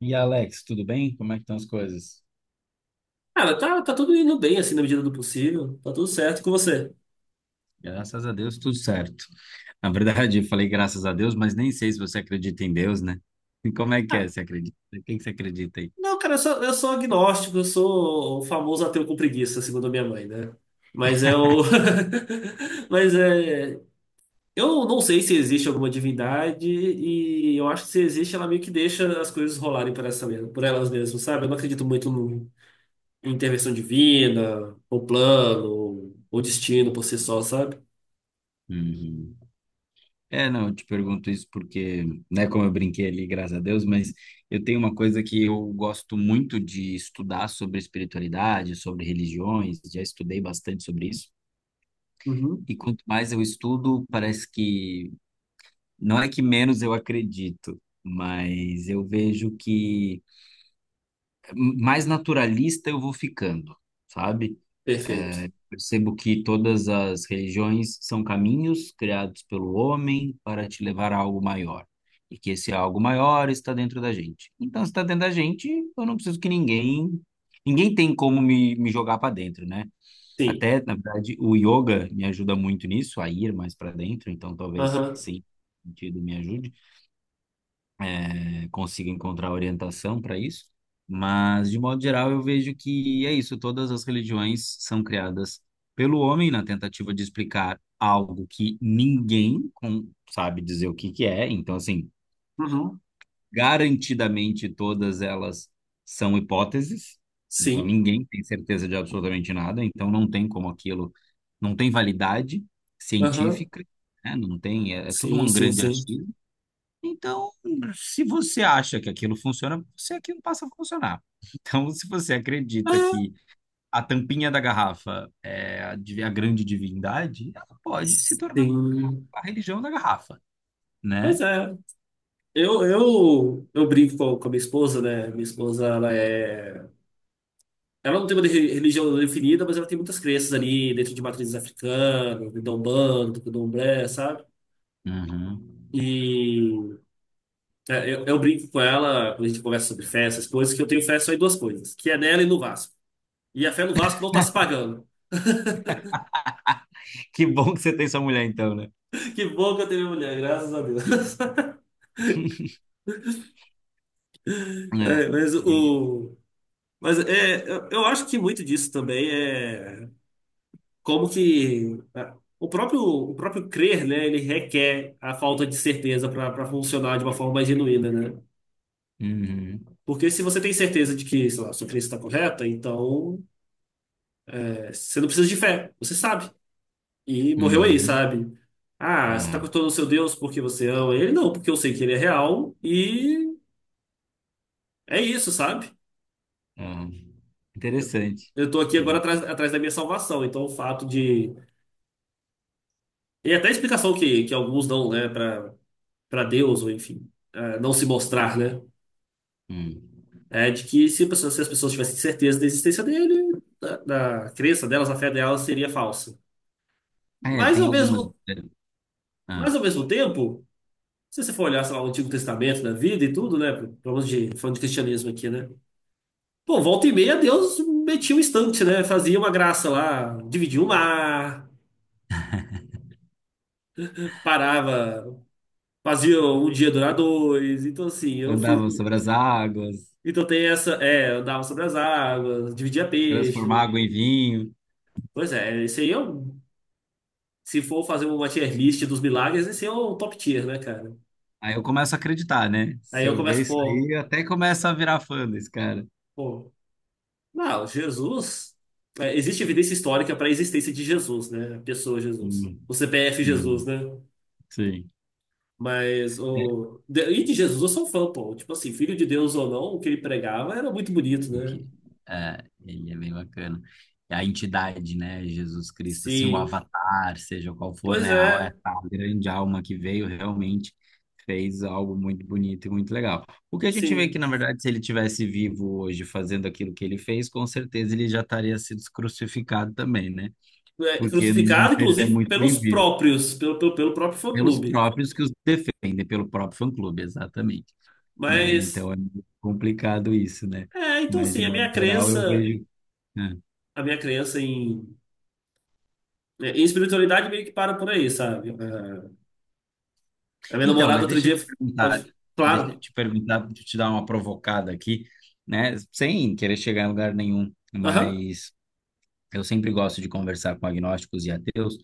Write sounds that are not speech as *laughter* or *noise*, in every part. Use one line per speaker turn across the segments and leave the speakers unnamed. E Alex, tudo bem? Como é que estão as coisas?
Cara, tá tudo indo bem, assim, na medida do possível. Tá tudo certo com você.
Graças a Deus, tudo certo. Na verdade, eu falei graças a Deus, mas nem sei se você acredita em Deus, né? E como é que é?
Ah,
Você acredita? Em quem que você acredita aí?
não, cara, eu sou agnóstico, eu sou o famoso ateu com preguiça, segundo a minha mãe, né? Mas é o. *laughs* Mas é. Eu não sei se existe alguma divindade, e eu acho que se existe, ela meio que deixa as coisas rolarem por elas mesmas, sabe? Eu não acredito muito no- em intervenção divina, ou plano, ou destino por si só, sabe?
Uhum. É, não, eu te pergunto isso porque, né, como eu brinquei ali, graças a Deus, mas eu tenho uma coisa que eu gosto muito de estudar sobre espiritualidade, sobre religiões, já estudei bastante sobre isso.
Uhum.
E quanto mais eu estudo, parece que não é que menos eu acredito, mas eu vejo que mais naturalista eu vou ficando, sabe?
Perfeito.
É, percebo que todas as religiões são caminhos criados pelo homem para te levar a algo maior. E que esse algo maior está dentro da gente. Então, se está dentro da gente, eu não preciso que ninguém. Ninguém tem como me jogar para dentro, né?
Sim.
Até, na verdade, o yoga me ajuda muito nisso, a ir mais para dentro, então talvez
Aham.
sim, sentido me ajude, consiga encontrar orientação para isso. Mas, de modo geral, eu vejo que é isso: todas as religiões são criadas pelo homem na tentativa de explicar algo que sabe dizer o que que é. Então, assim,
Uhum.
garantidamente todas elas são hipóteses. Então,
Sim.
ninguém tem certeza de absolutamente nada. Então, não tem como aquilo, não tem validade
Aham.
científica, né? Não tem, é, é tudo
Sim,
um
sim,
grande
sim.
achismo. Então, se você acha que aquilo funciona, você aquilo passa a funcionar. *laughs* Então, se você acredita
Ah,
que a, tampinha da garrafa é a grande divindade, ela pode se tornar
sim.
a religião da garrafa, né?
Pois é. Eu brinco com a minha esposa, né? Minha esposa, ela é. Ela não tem uma religião definida, mas ela tem muitas crenças ali dentro de matrizes africanas, do Umbanda, do Candomblé, sabe?
Uhum.
E eu brinco com ela quando a gente conversa sobre fé, essas coisas, que eu tenho fé só em duas coisas, que é nela e no Vasco. E a fé no Vasco não tá se pagando.
Que bom que você tem sua mulher, então, né?
*laughs* Que bom que eu tenho minha mulher, graças a Deus.
*laughs* É.
É, mas o. Mas eu acho que muito disso também é. Como que o próprio crer, né, ele requer a falta de certeza para funcionar de uma forma mais genuína, né?
Uhum.
Porque se você tem certeza de que, sei lá, sua crença está correta, então você não precisa de fé, você sabe. E morreu aí,
Uhum.
sabe? Ah, você está
Uhum.
cotando o seu Deus porque você ama ele? Não, porque eu sei que ele é real e é isso, sabe?
Uhum.
Eu,
Interessante.
eu tô aqui agora
Intere-
atrás da minha salvação, então o fato de. E até a explicação que alguns dão, né, para Deus, ou enfim, não se mostrar, né?
Hum.
É de que se as pessoas tivessem certeza da existência dele, da crença delas, a fé delas seria falsa.
É,
Mas
tem
ao
algumas.
mesmo,
Ah,
mas ao mesmo tempo, se você for olhar, sei lá, o Antigo Testamento da vida e tudo, né? Vamos de, falando de cristianismo aqui, né? Pô, volta e meia Deus metia um instante, né? Fazia uma graça lá, dividia o mar, parava, fazia um dia durar dois. Então, assim, eu
andavam
fico.
sobre as águas,
Então tem essa, é, andava sobre as águas, dividia
transformar
peixe.
água em vinho.
Pois é, isso aí é um se for fazer uma tier list dos milagres, esse é o top tier, né, cara?
Aí eu começo a acreditar, né?
Aí
Se
eu
eu ver
começo,
isso
pô,
aí, eu até começo a virar fã desse cara.
pô, não, Jesus. É, existe evidência histórica para a existência de Jesus, né? A pessoa Jesus.
Hum,
O CPF Jesus,
hum,
né?
sim. Né?
E de Jesus eu sou fã, pô. Tipo assim, filho de Deus ou não, o que ele pregava era muito bonito,
O
né?
que, é, ele é bem bacana. E a entidade, né? Jesus Cristo, assim, o
Sim.
avatar, seja qual for,
Pois
né? A,
é,
essa grande alma que veio realmente fez algo muito bonito e muito legal. O que a gente vê é que,
sim.
na verdade, se ele tivesse vivo hoje fazendo aquilo que ele fez, com certeza ele já estaria sido crucificado também, né?
É,
Porque não
crucificado,
seria
inclusive,
muito
pelos
bem visto.
próprios, pelo próprio
Pelos
fã-clube.
próprios que os defendem, pelo próprio fã-clube, exatamente, né?
Mas.
Então é muito complicado isso, né?
É, então
Mas de
assim, a minha
modo geral eu
crença.
vejo. Né?
A minha crença em é, e espiritualidade meio que para por aí, sabe? É, a minha
Então,
namorada
mas
outro dia pode. Claro.
deixa eu te dar uma provocada aqui, né? Sem querer chegar em lugar nenhum,
Aham.
mas eu sempre gosto de conversar com agnósticos e ateus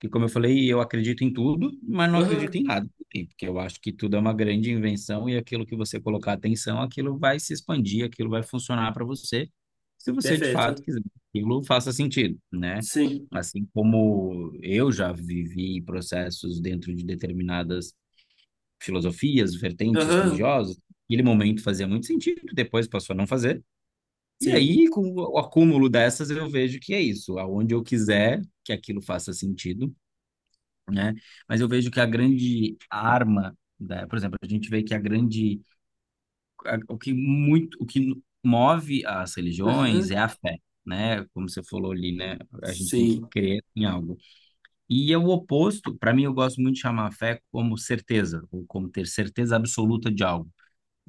que como eu falei, eu acredito em tudo, mas não acredito
Aham.
em nada, também, porque eu acho que tudo é uma grande invenção e aquilo que você colocar atenção, aquilo vai se expandir, aquilo vai funcionar para você, se você de fato
Perfeito.
quiser que aquilo faça sentido, né?
Sim.
Assim como eu já vivi processos dentro de determinadas filosofias, vertentes
Aham.
religiosas, aquele momento fazia muito sentido, depois passou a não fazer. E
Sim.
aí, com o acúmulo dessas, eu vejo que é isso. Aonde eu quiser que aquilo faça sentido, né? Mas eu vejo que a grande arma, por exemplo, a gente vê que a grande, a- o que muito, o que move as religiões
Aham.
é a fé, né? Como você falou ali, né? A gente tem que
Sim.
crer em algo. E é o oposto, para mim, eu gosto muito de chamar a fé como certeza, ou como ter certeza absoluta de algo.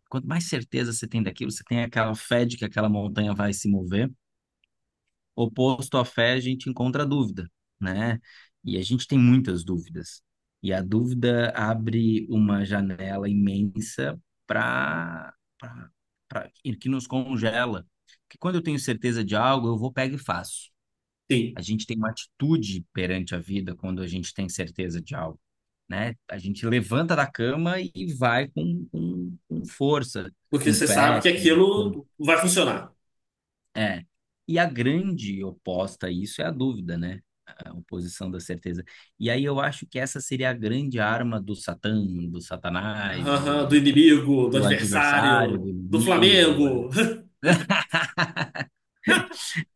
Quanto mais certeza você tem daquilo, você tem aquela fé de que aquela montanha vai se mover, oposto à fé, a gente encontra a dúvida, né? E a gente tem muitas dúvidas. E a dúvida abre uma janela imensa para que nos congela. Porque quando eu tenho certeza de algo, eu vou pego e faço.
Sim.
A gente tem uma atitude perante a vida quando a gente tem certeza de algo, né? A gente levanta da cama e vai com, com força,
Porque
com
você sabe
fé,
que
com
aquilo vai funcionar.
é. E a grande oposta a isso é a dúvida, né? A oposição da certeza. E aí eu acho que essa seria a grande arma do Satã, do Satanás, do,
Aham. Do
do-
inimigo, do
do adversário, do
adversário, do
inimigo.
Flamengo.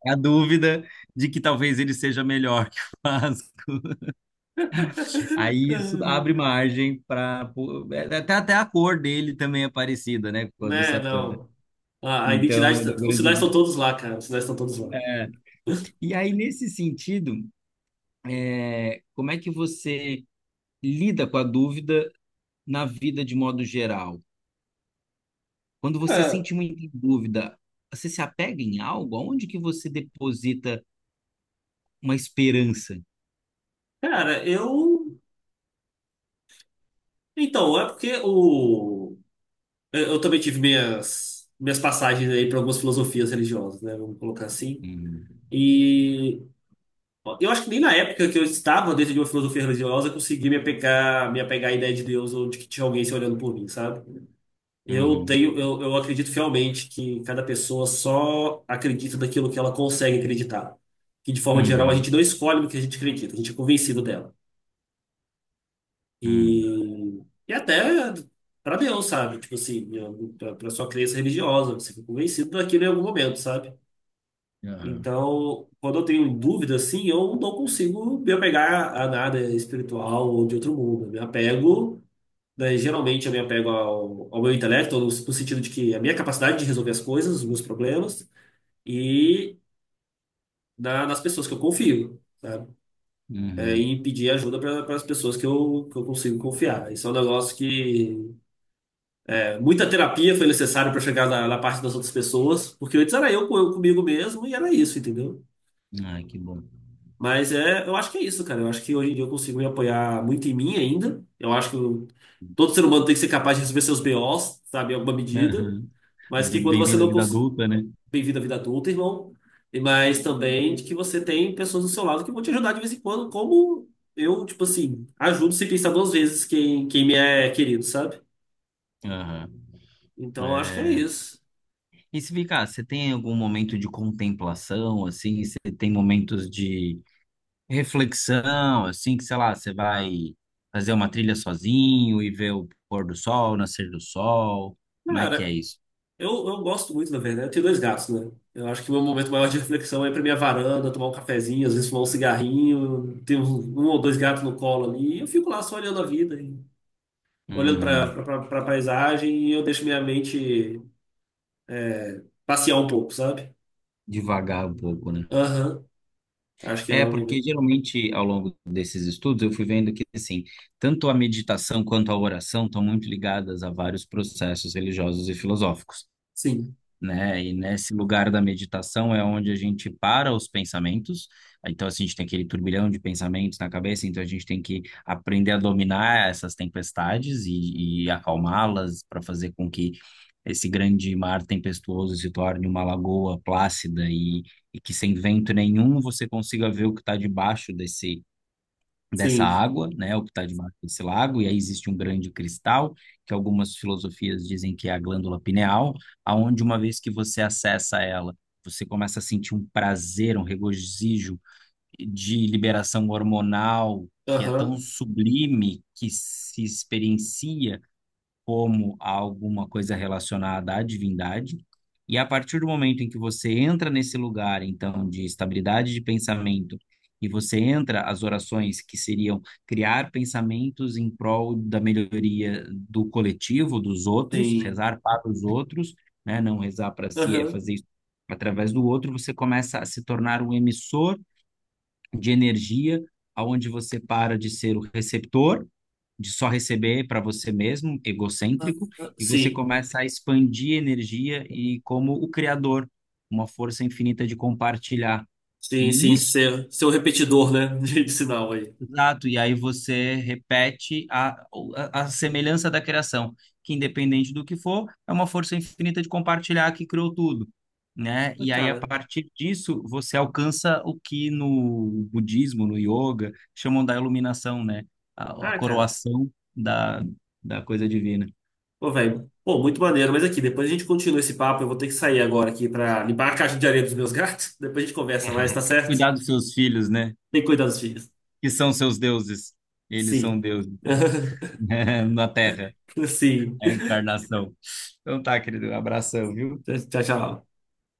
É a dúvida de que talvez ele seja melhor que o Vasco. Aí isso
*laughs*
abre margem para. Até, até a cor dele também é parecida, né? Com a do
Né,
Satã.
não. A identidade.
Então,
Tá,
da
os sinais
grande.
estão todos lá, cara. Os sinais estão todos lá.
É. E aí, nesse sentido, é, como é que você lida com a dúvida na vida de modo geral? Quando você
É,
sente muita dúvida, você se apega em algo? Aonde que você deposita uma esperança?
cara, eu. Então, é porque o. Eu também tive minhas passagens aí para algumas filosofias religiosas, né? Vamos colocar assim.
Uhum.
E eu acho que nem na época que eu estava dentro de uma filosofia religiosa eu consegui me apegar à ideia de Deus ou de que tinha alguém se olhando por mim, sabe? Eu tenho,
Uhum.
eu, eu acredito fielmente que cada pessoa só acredita daquilo que ela consegue acreditar. Que de forma geral a gente não
Uhum.
escolhe no que a gente acredita, a gente é convencido dela.
Uhum.
E, e até para Deus, sabe? Tipo assim, para sua crença religiosa, você fica convencido daquilo em algum momento, sabe?
Aham.
Então, quando eu tenho dúvida assim, eu não consigo me apegar a nada espiritual ou de outro mundo. Né, geralmente eu me apego ao meu intelecto, no sentido de que a minha capacidade de resolver as coisas, os meus problemas, e nas pessoas que eu confio, sabe? É,
Uhum.
e pedir ajuda para as pessoas que eu consigo confiar. Isso é um negócio que muita terapia foi necessária para chegar na parte das outras pessoas, porque antes era eu comigo mesmo e era isso, entendeu?
Ai, que bom.
Mas é, eu acho que é isso, cara. Eu acho que hoje em dia eu consigo me apoiar muito em mim ainda. Eu acho que eu- todo ser humano tem que ser capaz de resolver seus BOs, sabe, em alguma medida.
Aham.
Mas que quando você
Bem-vindo à
não
vida
consegue.
adulta, né?
Bem-vindo à vida adulta, irmão. Mas também de que você tem pessoas do seu lado que vão te ajudar de vez em quando, como eu, tipo assim, ajudo sem pensar duas vezes quem me é querido, sabe?
Aham.
Então eu acho que é
É,
isso.
e se ficar, você tem algum momento de contemplação, assim? Você tem momentos de reflexão, assim, que sei lá, você vai fazer uma trilha sozinho e ver o pôr do sol, nascer do sol? Como é que é
Cara,
isso?
Eu gosto muito, na verdade. Eu tenho dois gatos, né? Eu acho que o meu momento maior de reflexão é ir pra minha varanda, tomar um cafezinho, às vezes fumar um cigarrinho. Tenho um ou dois gatos no colo ali. E eu fico lá só olhando a vida, e olhando
Hum,
pra paisagem e eu deixo minha mente passear um pouco, sabe?
devagar um pouco, né?
Aham. Acho que é
É,
um.
porque geralmente ao longo desses estudos eu fui vendo que, assim, tanto a meditação quanto a oração estão muito ligadas a vários processos religiosos e filosóficos.
Sim.
Né? E nesse lugar da meditação é onde a gente para os pensamentos. Então, assim, a gente tem aquele turbilhão de pensamentos na cabeça, então a gente tem que aprender a dominar essas tempestades e acalmá-las para fazer com que esse grande mar tempestuoso se torne uma lagoa plácida e que sem vento nenhum você consiga ver o que está debaixo desse, dessa
Sim.
água, né, o que está debaixo desse lago, e aí existe um grande cristal, que algumas filosofias dizem que é a glândula pineal, aonde uma vez que você acessa ela, você começa a sentir um prazer, um regozijo de liberação hormonal que é tão
Aham.
sublime que se experiencia como a alguma coisa relacionada à divindade. E a partir do momento em que você entra nesse lugar, então, de estabilidade de pensamento, e você entra as orações que seriam criar pensamentos em prol da melhoria do coletivo, dos outros,
Sim.
rezar para os outros, né? Não rezar para si, é
Aham.
fazer isso através do outro, você começa a se tornar um emissor de energia, aonde você para de ser o receptor, de só receber para você mesmo,
Aham.
egocêntrico, e você
Sim.
começa a expandir energia e como o criador, uma força infinita de compartilhar.
Sim,
E
sim.
isso
Ser um repetidor, né? *laughs* De sinal aí.
Exato, e aí você repete a semelhança da criação, que independente do que for, é uma força infinita de compartilhar que criou tudo, né?
Mas,
E aí, a
cara.
partir disso, você alcança o que no budismo, no yoga, chamam da iluminação, né? A
Ah, cara.
coroação da, da coisa divina.
Pô, velho, pô, muito maneiro. Mas aqui, depois a gente continua esse papo. Eu vou ter que sair agora aqui pra limpar a caixa de areia dos meus gatos. *laughs* Depois a gente conversa mais, tá
*laughs*
certo?
Cuidar dos seus filhos, né?
Tem que cuidar dos filhos.
Que são seus deuses. Eles são
Sim.
deuses, né?
*laughs*
*laughs* Na Terra,
Sim.
é a encarnação. Então tá, querido, abração, viu?
Tchau, tchau.